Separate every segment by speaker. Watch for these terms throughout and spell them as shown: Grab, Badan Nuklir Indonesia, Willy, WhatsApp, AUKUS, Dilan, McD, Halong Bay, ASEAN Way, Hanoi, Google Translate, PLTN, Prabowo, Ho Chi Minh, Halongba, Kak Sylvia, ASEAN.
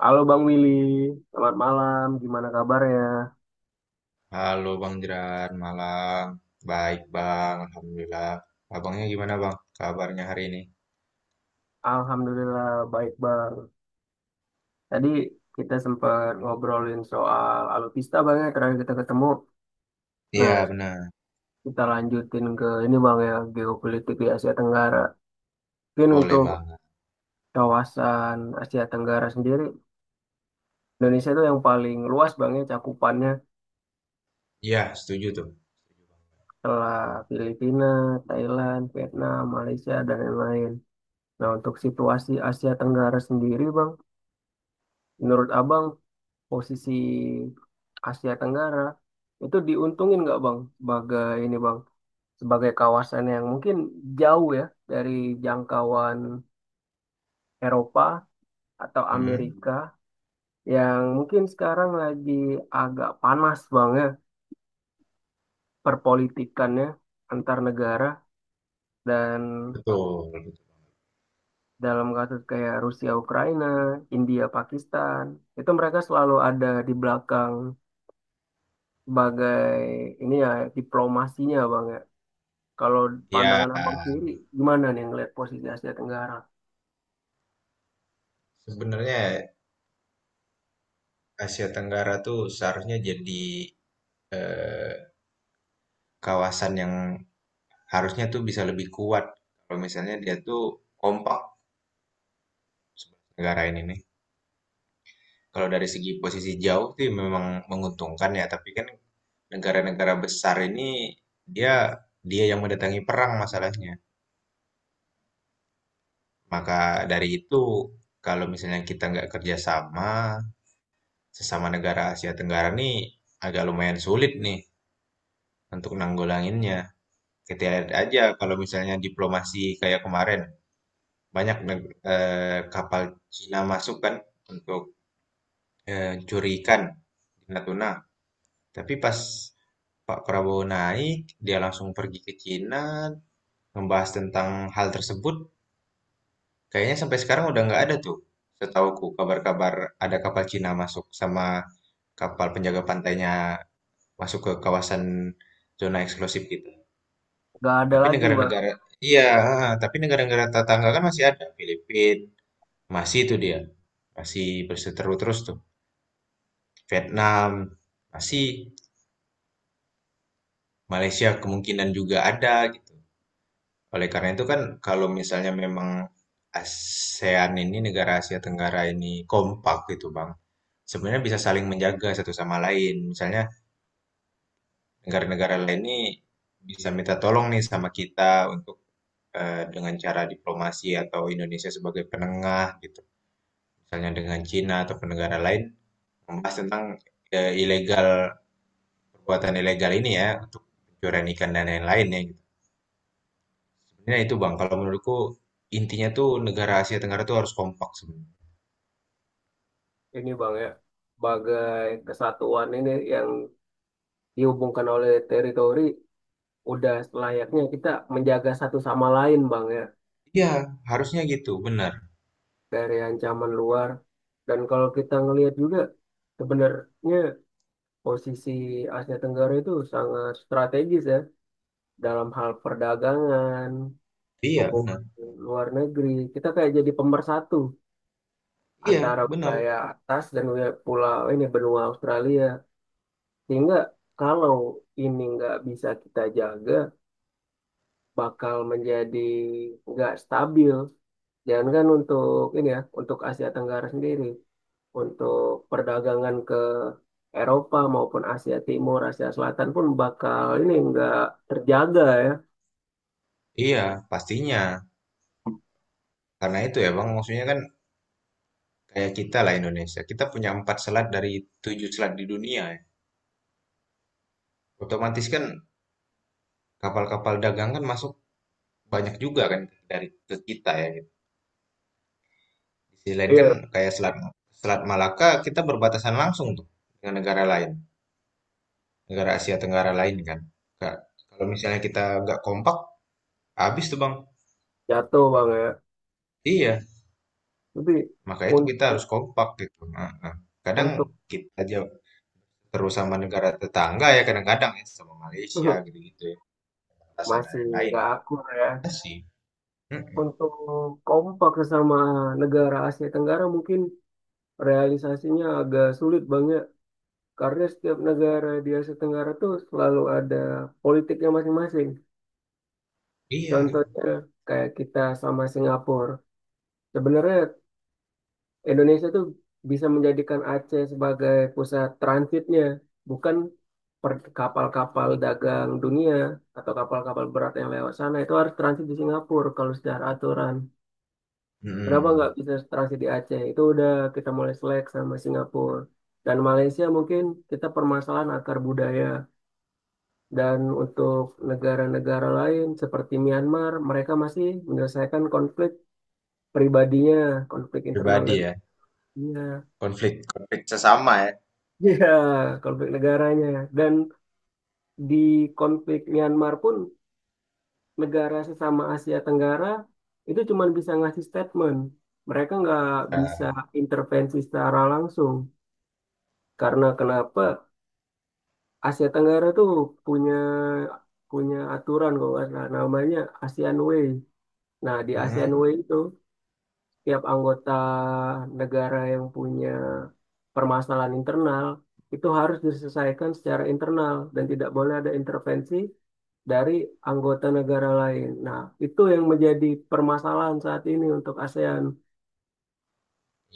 Speaker 1: Halo Bang Willy, selamat malam. Gimana kabarnya?
Speaker 2: Halo Bang Jeran, malam. Baik Bang, Alhamdulillah. Abangnya gimana Bang? Kabarnya hari ini?
Speaker 1: Alhamdulillah baik Bang. Tadi kita sempat ngobrolin soal alutsista Bang ya, terakhir kita ketemu. Nah,
Speaker 2: Iya benar,
Speaker 1: kita lanjutin ke ini Bang ya, geopolitik di Asia Tenggara. Mungkin
Speaker 2: boleh
Speaker 1: untuk
Speaker 2: banget.
Speaker 1: kawasan Asia Tenggara sendiri, Indonesia itu yang paling luas Bang ya cakupannya
Speaker 2: Iya, setuju tuh.
Speaker 1: setelah Filipina, Thailand, Vietnam, Malaysia, dan lain-lain. Nah, untuk situasi Asia Tenggara sendiri Bang, menurut Abang posisi Asia Tenggara itu diuntungin nggak Bang sebagai ini Bang sebagai kawasan yang mungkin jauh ya dari jangkauan Eropa atau
Speaker 2: Hmm,
Speaker 1: Amerika yang mungkin sekarang lagi agak panas Bang ya perpolitikannya antar negara dan
Speaker 2: betul.
Speaker 1: dalam kasus kayak Rusia Ukraina, India Pakistan itu mereka selalu ada di belakang sebagai ini ya diplomasinya Bang ya. Kalau
Speaker 2: Iya,
Speaker 1: pandangan abang sendiri, gimana nih ngelihat posisi Asia Tenggara?
Speaker 2: sebenarnya Asia Tenggara tuh seharusnya jadi eh, kawasan yang harusnya tuh bisa lebih kuat. Kalau misalnya dia tuh kompak negara ini nih. Kalau dari segi posisi jauh sih memang menguntungkan ya, tapi kan negara-negara besar ini dia dia yang mendatangi perang masalahnya. Maka dari itu, kalau misalnya kita nggak kerjasama sesama negara Asia Tenggara nih agak lumayan sulit nih untuk nanggulanginnya. Kita lihat aja kalau misalnya diplomasi kayak kemarin banyak kapal Cina masuk kan untuk curi ikan di Natuna. Tapi pas Pak Prabowo naik, dia langsung pergi ke Cina, membahas tentang hal tersebut. Kayaknya sampai sekarang udah nggak ada tuh. Setauku kabar-kabar ada kapal Cina masuk sama kapal penjaga pantainya masuk ke kawasan zona eksklusif gitu.
Speaker 1: Gak ada
Speaker 2: Tapi
Speaker 1: lagi bang,
Speaker 2: negara-negara, iya, tapi negara-negara tetangga kan masih ada. Filipina, masih itu dia. Masih berseteru terus tuh. Vietnam, masih. Malaysia kemungkinan juga ada gitu. Oleh karena itu kan kalau misalnya memang ASEAN ini negara Asia Tenggara ini kompak gitu Bang. Sebenarnya bisa saling menjaga satu sama lain. Misalnya negara-negara lain ini bisa minta tolong nih sama kita untuk dengan cara diplomasi atau Indonesia sebagai penengah gitu. Misalnya dengan Cina atau negara lain membahas tentang ilegal perbuatan ilegal ini ya untuk pencurian ikan dan lain-lain ya gitu. Sebenarnya itu Bang kalau menurutku intinya tuh negara Asia Tenggara tuh harus kompak sebenarnya.
Speaker 1: ini bang ya, bagai kesatuan ini yang dihubungkan oleh teritori, udah selayaknya kita menjaga satu sama lain bang ya,
Speaker 2: Iya, harusnya gitu, benar.
Speaker 1: dari ancaman luar. Dan kalau kita ngelihat juga, sebenarnya posisi Asia Tenggara itu sangat strategis ya, dalam hal perdagangan,
Speaker 2: Iya,
Speaker 1: hubungan
Speaker 2: benar.
Speaker 1: luar negeri, kita kayak jadi pemersatu
Speaker 2: Iya,
Speaker 1: antara
Speaker 2: benar.
Speaker 1: wilayah atas dan wilayah pulau ini benua Australia. Sehingga kalau ini nggak bisa kita jaga, bakal menjadi nggak stabil. Jangankan untuk ini ya, untuk Asia Tenggara sendiri, untuk perdagangan ke Eropa maupun Asia Timur, Asia Selatan pun bakal ini nggak terjaga ya.
Speaker 2: Iya, pastinya. Karena itu ya, Bang, maksudnya kan kayak kita lah Indonesia. Kita punya empat selat dari tujuh selat di dunia ya. Otomatis kan kapal-kapal dagang kan masuk banyak juga kan dari ke kita ya. Gitu. Di sisi lain kan
Speaker 1: Iya,
Speaker 2: kayak selat Selat Malaka kita berbatasan langsung tuh dengan negara lain, negara Asia Tenggara lain kan. Ka- Kalau misalnya kita nggak kompak, habis tuh, Bang.
Speaker 1: jatuh bang ya.
Speaker 2: Iya,
Speaker 1: Tapi
Speaker 2: maka itu kita
Speaker 1: untuk
Speaker 2: harus kompak gitu. Heeh. Kadang
Speaker 1: untuk
Speaker 2: kita aja terus sama negara tetangga ya kadang-kadang ya sama Malaysia gitu-gitu ya. Alasan dan
Speaker 1: masih
Speaker 2: lain-lain.
Speaker 1: nggak akur ya.
Speaker 2: Iya sih. Mm-mm.
Speaker 1: Untuk kompak sama negara Asia Tenggara mungkin realisasinya agak sulit banget karena setiap negara di Asia Tenggara tuh selalu ada politiknya masing-masing.
Speaker 2: Iya.
Speaker 1: Contohnya kayak kita sama Singapura. Sebenarnya Indonesia tuh bisa menjadikan Aceh sebagai pusat transitnya, bukan kapal-kapal dagang dunia atau kapal-kapal berat yang lewat sana itu harus transit di Singapura kalau secara aturan. Kenapa nggak
Speaker 2: Mm-mm.
Speaker 1: bisa transit di Aceh? Itu udah kita mulai selek sama Singapura. Dan Malaysia mungkin kita permasalahan akar budaya. Dan untuk negara-negara lain seperti Myanmar, mereka masih menyelesaikan konflik pribadinya, konflik internal
Speaker 2: Pribadi ya.
Speaker 1: negaranya.
Speaker 2: Konflik konflik sesama ya.
Speaker 1: Ya, konflik negaranya. Dan di konflik Myanmar pun negara sesama Asia Tenggara itu cuma bisa ngasih statement. Mereka nggak bisa
Speaker 2: Nah,
Speaker 1: intervensi secara langsung. Karena kenapa? Asia Tenggara tuh punya punya aturan kalau nggak salah namanya ASEAN Way. Nah, di ASEAN
Speaker 2: mm-mm.
Speaker 1: Way itu setiap anggota negara yang punya permasalahan internal itu harus diselesaikan secara internal dan tidak boleh ada intervensi dari anggota negara lain. Nah, itu yang menjadi permasalahan saat ini untuk ASEAN.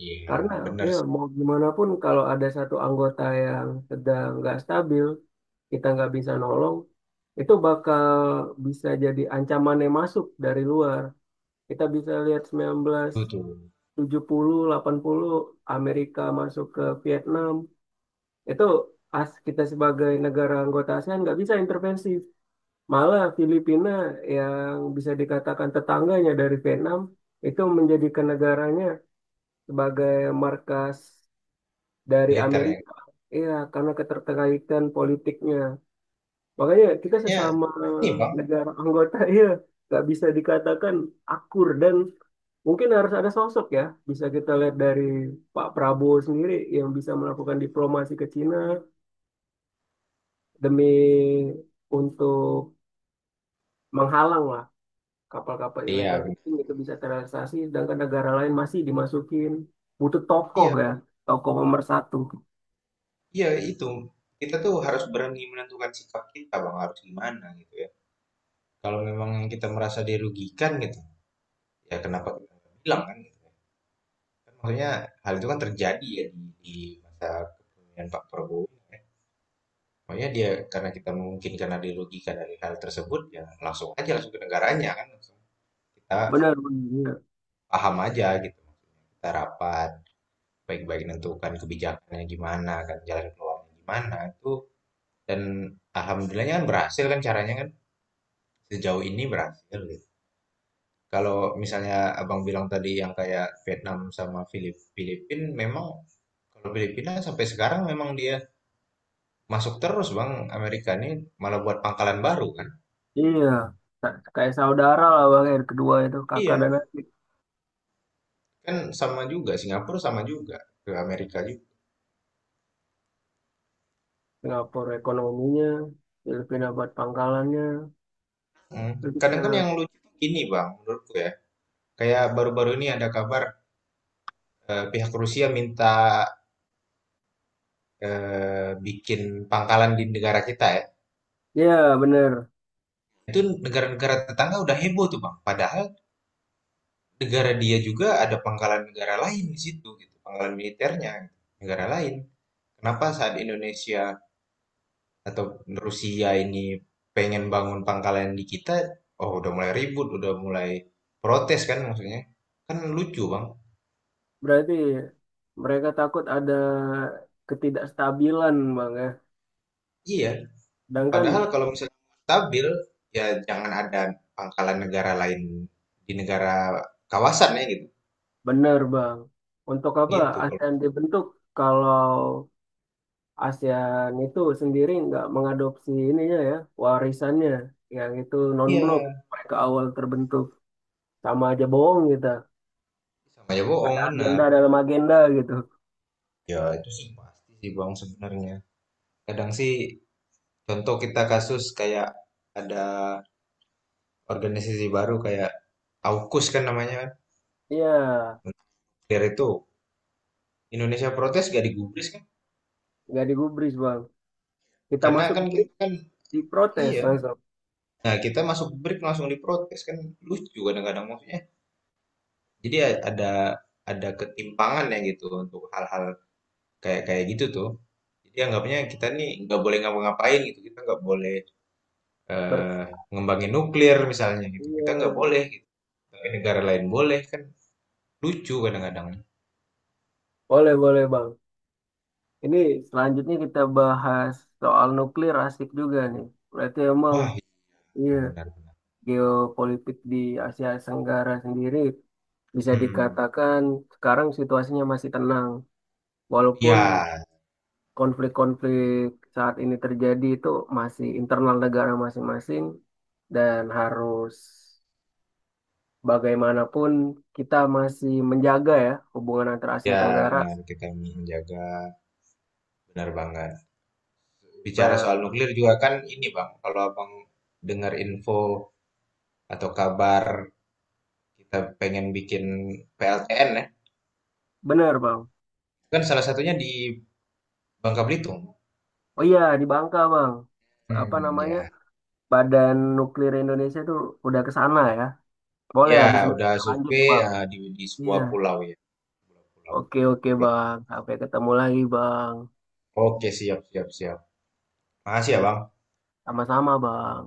Speaker 2: Iya,
Speaker 1: Karena
Speaker 2: benar
Speaker 1: ya
Speaker 2: sih.
Speaker 1: mau gimana pun kalau ada satu anggota yang sedang nggak stabil, kita nggak bisa nolong, itu bakal bisa jadi ancaman yang masuk dari luar. Kita bisa lihat
Speaker 2: Itu tuh
Speaker 1: 1970, 80 Amerika masuk ke Vietnam, itu as kita sebagai negara anggota ASEAN nggak bisa intervensi. Malah Filipina yang bisa dikatakan tetangganya dari Vietnam itu menjadikan negaranya sebagai markas dari
Speaker 2: militer yang
Speaker 1: Amerika. Iya, karena keterkaitan politiknya. Makanya kita
Speaker 2: kayaknya
Speaker 1: sesama
Speaker 2: ini Bang.
Speaker 1: negara anggota, iya, nggak bisa dikatakan akur dan mungkin harus ada sosok ya. Bisa kita lihat dari Pak Prabowo sendiri yang bisa melakukan diplomasi ke Cina demi untuk menghalang lah kapal-kapal
Speaker 2: Iya,
Speaker 1: ilegal
Speaker 2: benar.
Speaker 1: penting itu bisa terrealisasi, sedangkan negara lain masih dimasukin. Butuh tokoh
Speaker 2: Iya,
Speaker 1: ya, tokoh pemersatu.
Speaker 2: iya itu. Kita tuh harus berani menentukan sikap kita Bang harus gimana gitu ya. Kalau memang yang kita merasa dirugikan gitu, ya kenapa kita nggak bilang kan gitu ya. Kan maksudnya hal itu kan terjadi ya di masa kepemimpinan Pak Prabowo ya. Makanya dia karena kita mungkin karena dilogika dari hal tersebut ya langsung aja langsung ke negaranya kan langsung kita
Speaker 1: Benar, benar. Iya.
Speaker 2: paham aja gitu. Kita rapat baik-baik menentukan kebijakannya gimana kan jalan keluarnya gimana itu dan alhamdulillahnya kan berhasil kan caranya kan sejauh ini berhasil gitu. Kalau misalnya abang bilang tadi yang kayak Vietnam sama Filipin memang. Kalau Filipina sampai sekarang memang dia masuk terus Bang. Amerika ini malah buat pangkalan baru kan.
Speaker 1: Iya, kayak saudara lah bang yang kedua itu kakak dan
Speaker 2: Iya,
Speaker 1: adik.
Speaker 2: kan sama juga Singapura sama juga ke Amerika juga.
Speaker 1: Singapura ekonominya, Filipina buat pangkalannya.
Speaker 2: Hmm. Kadang kan
Speaker 1: Filipina,
Speaker 2: yang lucu ini Bang menurutku ya. Kayak baru-baru ini ada kabar pihak Rusia minta bikin pangkalan di negara kita ya.
Speaker 1: ya bener.
Speaker 2: Itu negara-negara tetangga udah heboh tuh Bang. Padahal negara dia juga ada pangkalan negara lain di situ gitu, pangkalan militernya gitu, negara lain. Kenapa saat Indonesia atau Rusia ini pengen bangun pangkalan di kita, oh udah mulai ribut, udah mulai protes kan maksudnya. Kan lucu bang.
Speaker 1: Berarti mereka takut ada ketidakstabilan bang ya.
Speaker 2: Iya, padahal
Speaker 1: Sedangkan
Speaker 2: kalau misalnya mau stabil, ya jangan ada pangkalan negara lain di negara kawasannya gitu.
Speaker 1: bener bang, untuk apa
Speaker 2: Gitu kalau
Speaker 1: ASEAN dibentuk kalau ASEAN itu sendiri nggak mengadopsi ininya ya, warisannya yang itu non-blok
Speaker 2: iya
Speaker 1: mereka awal terbentuk sama aja bohong kita.
Speaker 2: sama aja
Speaker 1: Ada
Speaker 2: bohong bener.
Speaker 1: agenda dalam agenda gitu.
Speaker 2: Ya itu sih pasti sih bang sebenarnya. Kadang sih contoh kita kasus kayak ada organisasi baru kayak AUKUS kan namanya.
Speaker 1: Iya,
Speaker 2: Dari itu Indonesia protes gak digubris kan?
Speaker 1: nggak digubris bang. Kita
Speaker 2: Karena
Speaker 1: masuk
Speaker 2: kan
Speaker 1: gubris,
Speaker 2: kita kan
Speaker 1: diprotes
Speaker 2: iya.
Speaker 1: langsung.
Speaker 2: Nah, kita masuk break langsung diprotes kan lucu kadang-kadang maksudnya. Jadi ya ada ketimpangan ya gitu untuk hal-hal kayak kayak gitu tuh. Jadi anggapnya kita nih nggak boleh ngapa-ngapain gitu. Kita nggak boleh
Speaker 1: Ber-
Speaker 2: eh, ngembangin nuklir misalnya gitu. Kita nggak
Speaker 1: iya,
Speaker 2: boleh gitu. Tapi negara lain boleh kan lucu kadang-kadang.
Speaker 1: boleh boleh bang. Ini selanjutnya kita bahas soal nuklir asik juga nih. Berarti emang
Speaker 2: Wah, iya,
Speaker 1: iya
Speaker 2: benar-benar.
Speaker 1: geopolitik di Asia Tenggara sendiri bisa
Speaker 2: Hmm.
Speaker 1: dikatakan sekarang situasinya masih tenang. Walaupun
Speaker 2: Ya,
Speaker 1: konflik-konflik saat ini terjadi itu masih internal negara masing-masing dan harus bagaimanapun kita masih menjaga ya hubungan antara Asia
Speaker 2: ya
Speaker 1: Tenggara.
Speaker 2: benar kita menjaga benar banget. Bicara
Speaker 1: Pe-
Speaker 2: soal nuklir juga kan ini Bang, kalau Abang dengar info atau kabar kita pengen bikin PLTN ya,
Speaker 1: Benar, Bang.
Speaker 2: kan salah satunya di Bangka Belitung.
Speaker 1: Oh iya, di Bangka, Bang. Apa
Speaker 2: Hmm,
Speaker 1: namanya?
Speaker 2: ya.
Speaker 1: Badan Nuklir Indonesia itu udah ke sana ya. Boleh
Speaker 2: Ya,
Speaker 1: habis ini
Speaker 2: udah
Speaker 1: kita lanjut,
Speaker 2: survei
Speaker 1: Bang.
Speaker 2: di
Speaker 1: Iya.
Speaker 2: sebuah pulau ya. Pulau, pulau,
Speaker 1: Oke, oke,
Speaker 2: pulau.
Speaker 1: Bang. Sampai ketemu lagi, Bang.
Speaker 2: Oke, siap, siap, siap. Makasih
Speaker 1: Oke,
Speaker 2: ya Bang.
Speaker 1: sama-sama, Bang.